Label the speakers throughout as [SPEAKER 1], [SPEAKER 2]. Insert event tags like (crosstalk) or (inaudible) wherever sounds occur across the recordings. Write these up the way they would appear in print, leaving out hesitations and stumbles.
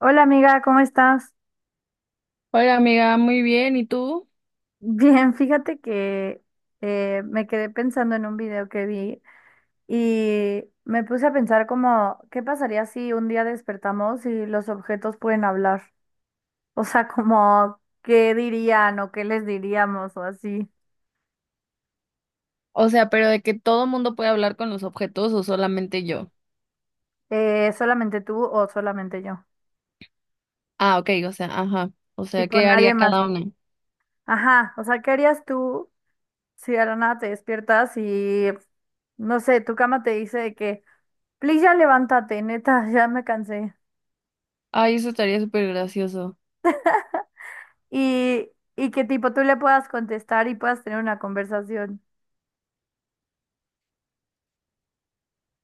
[SPEAKER 1] Hola amiga, ¿cómo estás?
[SPEAKER 2] Oiga, amiga, muy bien, ¿y tú?
[SPEAKER 1] (laughs) Bien, fíjate que me quedé pensando en un video que vi y me puse a pensar como, ¿qué pasaría si un día despertamos y los objetos pueden hablar? (laughs) O sea, como, ¿qué dirían o qué les diríamos o así?
[SPEAKER 2] O sea, pero de que todo mundo puede hablar con los objetos o solamente yo.
[SPEAKER 1] ¿Solamente tú o solamente yo?
[SPEAKER 2] Ah, ok, o sea, ajá. O sea,
[SPEAKER 1] Tipo,
[SPEAKER 2] ¿qué
[SPEAKER 1] nadie
[SPEAKER 2] haría
[SPEAKER 1] más.
[SPEAKER 2] cada uno?
[SPEAKER 1] Ajá, o sea, ¿qué harías tú si de la nada te despiertas y, no sé, tu cama te dice de que, please ya levántate, neta, (laughs) ya me cansé?
[SPEAKER 2] Ay, eso estaría súper gracioso.
[SPEAKER 1] y, y que tipo tú le puedas contestar y puedas tener una conversación.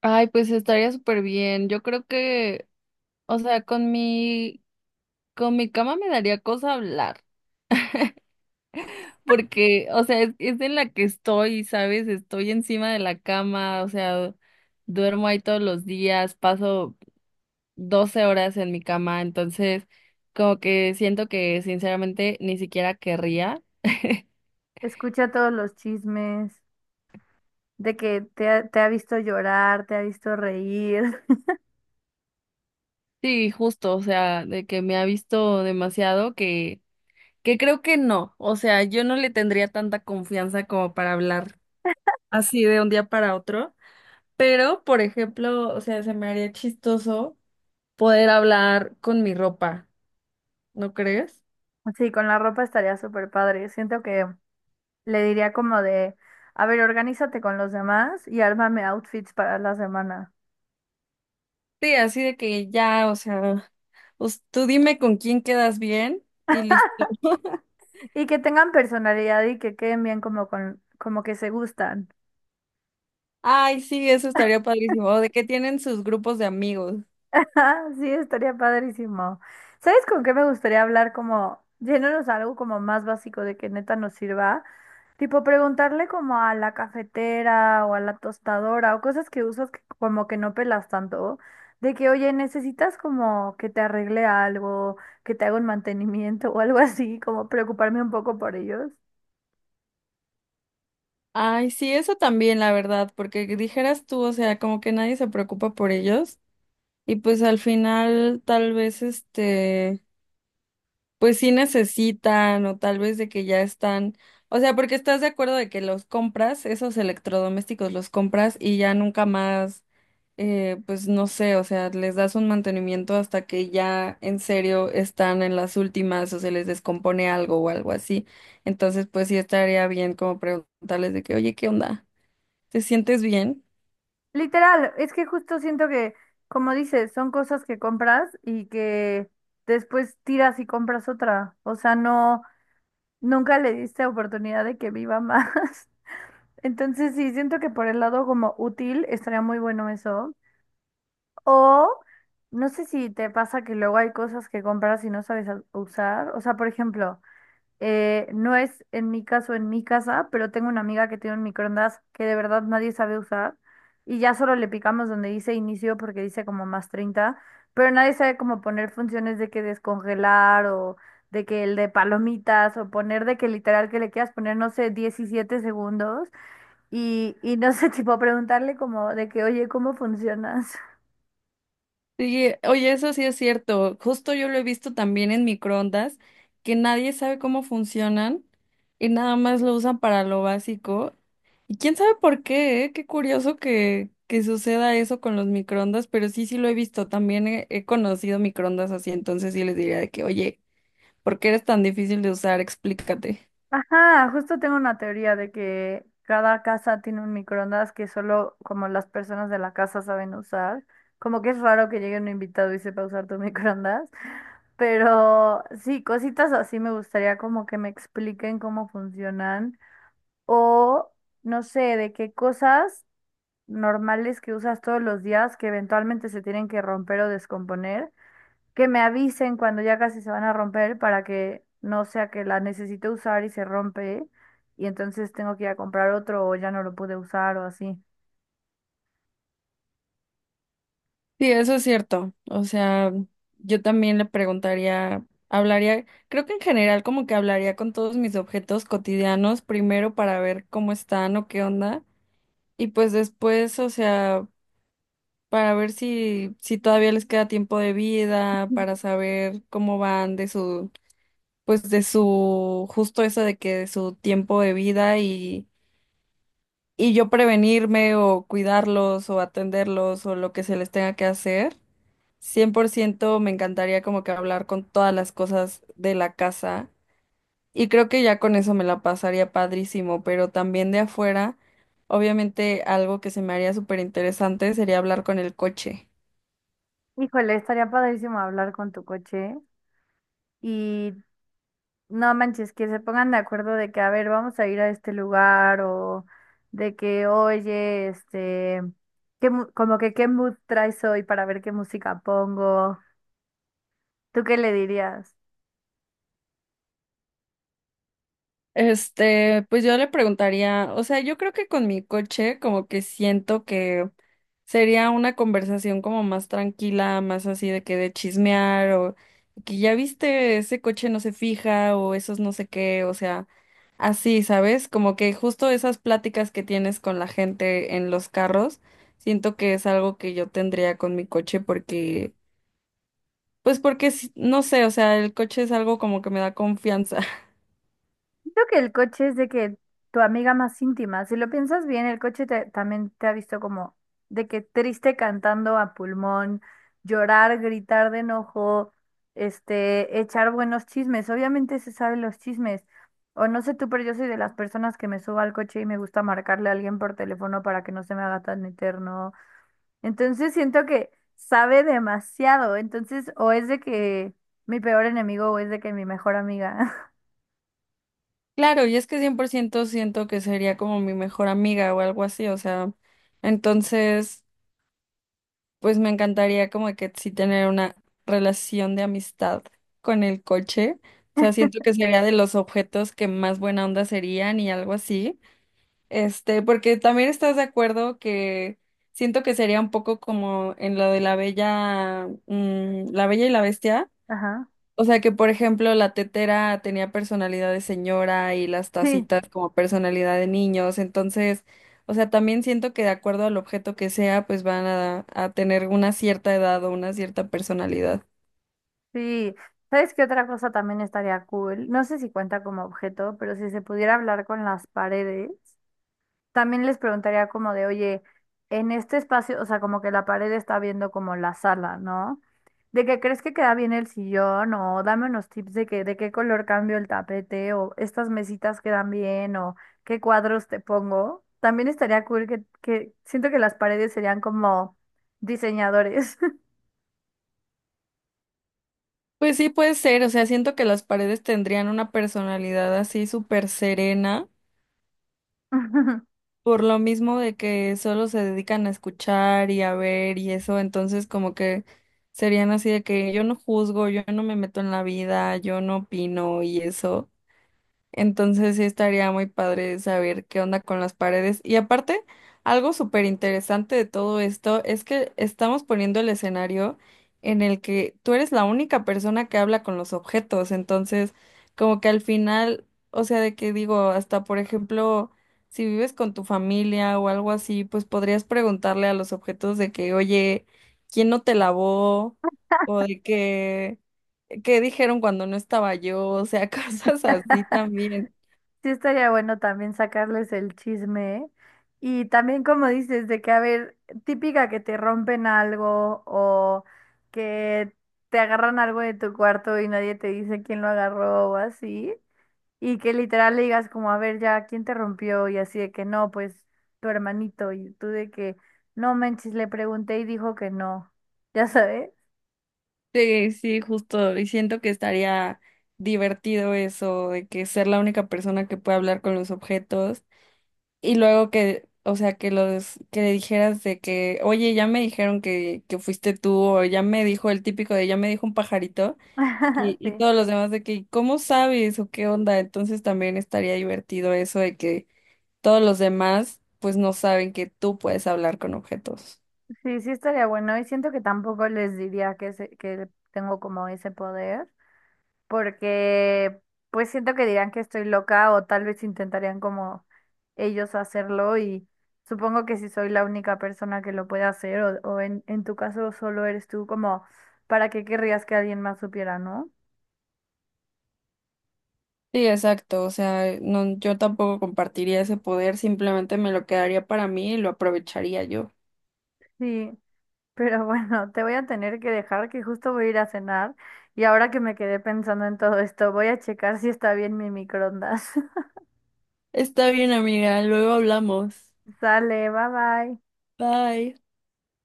[SPEAKER 2] Ay, pues estaría súper bien. Yo creo que, o sea, con mi cama me daría cosa hablar. Porque, o sea, es en la que estoy, ¿sabes? Estoy encima de la cama, o sea, duermo ahí todos los días, paso 12 horas en mi cama, entonces como que siento que sinceramente ni siquiera querría. (laughs)
[SPEAKER 1] Escucha todos los chismes de que te ha visto llorar, te ha visto reír. (laughs)
[SPEAKER 2] Sí, justo, o sea, de que me ha visto demasiado que creo que no, o sea, yo no le tendría tanta confianza como para hablar así de un día para otro, pero por ejemplo, o sea, se me haría chistoso poder hablar con mi ropa, ¿no crees?
[SPEAKER 1] Sí, con la ropa estaría súper padre. Siento que le diría como de, a ver, organízate con los demás y ármame outfits para la semana.
[SPEAKER 2] Sí, así de que ya, o sea, pues, tú dime con quién quedas bien y listo. (laughs)
[SPEAKER 1] Y que tengan personalidad y que queden bien como que se gustan.
[SPEAKER 2] Ay, sí, eso estaría padrísimo. O de que tienen sus grupos de amigos.
[SPEAKER 1] Ah, sí, estaría padrísimo. ¿Sabes con qué me gustaría hablar? Como yéndonos a algo como más básico de que neta nos sirva. Tipo preguntarle como a la cafetera o a la tostadora o cosas que usas que como que no pelas tanto. De que, oye, necesitas como que te arregle algo, que te haga un mantenimiento o algo así, como preocuparme un poco por ellos.
[SPEAKER 2] Ay, sí, eso también, la verdad, porque dijeras tú, o sea, como que nadie se preocupa por ellos. Y pues al final, tal vez este pues sí necesitan o tal vez de que ya están, o sea, porque estás de acuerdo de que los compras, esos electrodomésticos los compras y ya nunca más, pues no sé, o sea, les das un mantenimiento hasta que ya en serio están en las últimas o se les descompone algo o algo así. Entonces, pues sí estaría bien como preguntarles de que, oye, ¿qué onda? ¿Te sientes bien?
[SPEAKER 1] Literal, es que justo siento que, como dices, son cosas que compras y que después tiras y compras otra. O sea, no. Nunca le diste oportunidad de que viva más. (laughs) Entonces sí, siento que por el lado como útil estaría muy bueno eso. O no sé si te pasa que luego hay cosas que compras y no sabes usar. O sea, por ejemplo, no es en mi caso en mi casa, pero tengo una amiga que tiene un microondas que de verdad nadie sabe usar y ya solo le picamos donde dice inicio porque dice como más 30, pero nadie sabe cómo poner funciones de que descongelar o de que el de palomitas o poner de que literal que le quieras poner, no sé, 17 segundos y no sé, (laughs) tipo preguntarle como de que, oye, ¿cómo funcionas?
[SPEAKER 2] Sí, oye, eso sí es cierto. Justo yo lo he visto también en microondas, que nadie sabe cómo funcionan y nada más lo usan para lo básico. Y quién sabe por qué, ¿eh? Qué curioso que suceda eso con los microondas, pero sí, sí lo he visto. También he conocido microondas así, entonces sí les diría de que, oye, ¿por qué eres tan difícil de usar? Explícate.
[SPEAKER 1] Ajá, justo tengo una teoría de que cada casa tiene un microondas que solo como las personas de la casa saben usar. Como que es raro que llegue un invitado y sepa usar tu (laughs) microondas. Pero sí, cositas así me gustaría como que me expliquen cómo funcionan. O no sé, de qué cosas normales que usas todos los días que eventualmente se tienen que romper o descomponer, que me avisen cuando ya casi se van a romper para que no sea que la necesite usar y se rompe y entonces tengo que ir a comprar otro o ya no lo pude usar o así.
[SPEAKER 2] Sí, eso es cierto. O sea, yo también le preguntaría, hablaría, creo que en general como que hablaría con todos mis objetos cotidianos primero para ver cómo están o qué onda y pues después, o sea, para ver si todavía les queda tiempo de vida, para saber cómo van de su pues de su justo eso de que de su tiempo de vida y yo prevenirme o cuidarlos o atenderlos o lo que se les tenga que hacer. Cien por ciento me encantaría como que hablar con todas las cosas de la casa y creo que ya con eso me la pasaría padrísimo, pero también de afuera, obviamente algo que se me haría súper interesante sería hablar con el coche.
[SPEAKER 1] Híjole, estaría padrísimo hablar con tu coche y no manches, que se pongan de acuerdo de que, a ver, vamos a ir a este lugar o de que, oye, este, como que qué mood traes hoy para ver qué música pongo. ¿Tú qué le dirías?
[SPEAKER 2] Este, pues yo le preguntaría, o sea, yo creo que con mi coche como que siento que sería una conversación como más tranquila, más así de que de chismear o que ya viste ese coche no se fija o esos no sé qué, o sea. Así, ¿sabes? Como que justo esas pláticas que tienes con la gente en los carros, siento que es algo que yo tendría con mi coche porque, pues porque, no sé, o sea, el coche es algo como que me da confianza. (laughs)
[SPEAKER 1] Creo que el coche es de que tu amiga más íntima, si lo piensas bien, el coche también te ha visto como de que triste cantando a pulmón, llorar, gritar de enojo, este, echar buenos chismes. Obviamente se saben los chismes. O no sé tú, pero yo soy de las personas que me subo al coche y me gusta marcarle a alguien por teléfono para que no se me haga tan eterno. Entonces siento que sabe demasiado. Entonces, o es de que mi peor enemigo o es de que mi mejor amiga.
[SPEAKER 2] Claro, y es que 100% siento que sería como mi mejor amiga o algo así, o sea, entonces, pues me encantaría como que sí tener una relación de amistad con el coche. O sea, siento que sería de los objetos que más buena onda serían y algo así. Este, porque también estás de acuerdo que siento que sería un poco como en lo de la bella, la bella y la bestia.
[SPEAKER 1] (laughs) Ajá.
[SPEAKER 2] O sea que, por ejemplo, la tetera tenía personalidad de señora y las
[SPEAKER 1] Sí.
[SPEAKER 2] tacitas como personalidad de niños. Entonces, o sea, también siento que de acuerdo al objeto que sea, pues van a tener una cierta edad o una cierta personalidad.
[SPEAKER 1] Sí, ¿sabes qué otra cosa también estaría cool? No sé si cuenta como objeto, pero si se pudiera hablar con las paredes, también les preguntaría como de, oye, en este espacio, o sea, como que la pared está viendo como la sala, ¿no? ¿De que crees que queda bien el sillón? O dame unos tips de que, de qué color cambio el tapete, o estas mesitas quedan bien, o qué cuadros te pongo. También estaría cool que siento que las paredes serían como diseñadores.
[SPEAKER 2] Pues sí, puede ser. O sea, siento que las paredes tendrían una personalidad así súper serena.
[SPEAKER 1] (laughs)
[SPEAKER 2] Por lo mismo de que solo se dedican a escuchar y a ver y eso, entonces como que serían así de que yo no juzgo, yo no me meto en la vida, yo no opino y eso. Entonces sí estaría muy padre saber qué onda con las paredes. Y aparte, algo súper interesante de todo esto es que estamos poniendo el escenario en el que tú eres la única persona que habla con los objetos. Entonces, como que al final, o sea, de que digo, hasta por ejemplo, si vives con tu familia o algo así, pues podrías preguntarle a los objetos de que, oye, ¿quién no te lavó? O de que ¿qué dijeron cuando no estaba yo? O sea, (laughs) cosas así también.
[SPEAKER 1] Sí, estaría bueno también sacarles el chisme, ¿eh? Y también como dices, de que, a ver, típica que te rompen algo o que te agarran algo de tu cuarto y nadie te dice quién lo agarró o así, y que literal le digas como, a ver, ya, ¿quién te rompió? Y así de que no, pues tu hermanito, y tú de que, no manches, le pregunté y dijo que no, ya sabes.
[SPEAKER 2] Sí, sí, justo. Y siento que estaría divertido eso, de que ser la única persona que puede hablar con los objetos. Y luego que, o sea, que los, que le dijeras de que, oye, ya me dijeron que fuiste tú, o ya me dijo el típico de ya me dijo un pajarito, y,
[SPEAKER 1] (laughs)
[SPEAKER 2] y
[SPEAKER 1] Sí,
[SPEAKER 2] todos los demás de que, ¿cómo sabes? O ¿qué onda? Entonces también estaría divertido eso de que todos los demás, pues no saben que tú puedes hablar con objetos.
[SPEAKER 1] sí, sí estaría bueno y siento que tampoco les diría que tengo como ese poder. Porque pues siento que dirán que estoy loca o tal vez intentarían como ellos hacerlo y supongo que si soy la única persona que lo puede hacer o en tu caso solo eres tú, como para qué querrías que alguien más supiera, ¿no?
[SPEAKER 2] Sí, exacto. O sea, no, yo tampoco compartiría ese poder, simplemente me lo quedaría para mí y lo aprovecharía yo.
[SPEAKER 1] Sí, (laughs) pero bueno, te voy a tener que dejar que justo voy a ir a cenar y ahora que me quedé pensando en todo esto, voy a checar si está bien mi microondas. (laughs)
[SPEAKER 2] Está bien, amiga, luego hablamos.
[SPEAKER 1] Sale, bye bye.
[SPEAKER 2] Bye.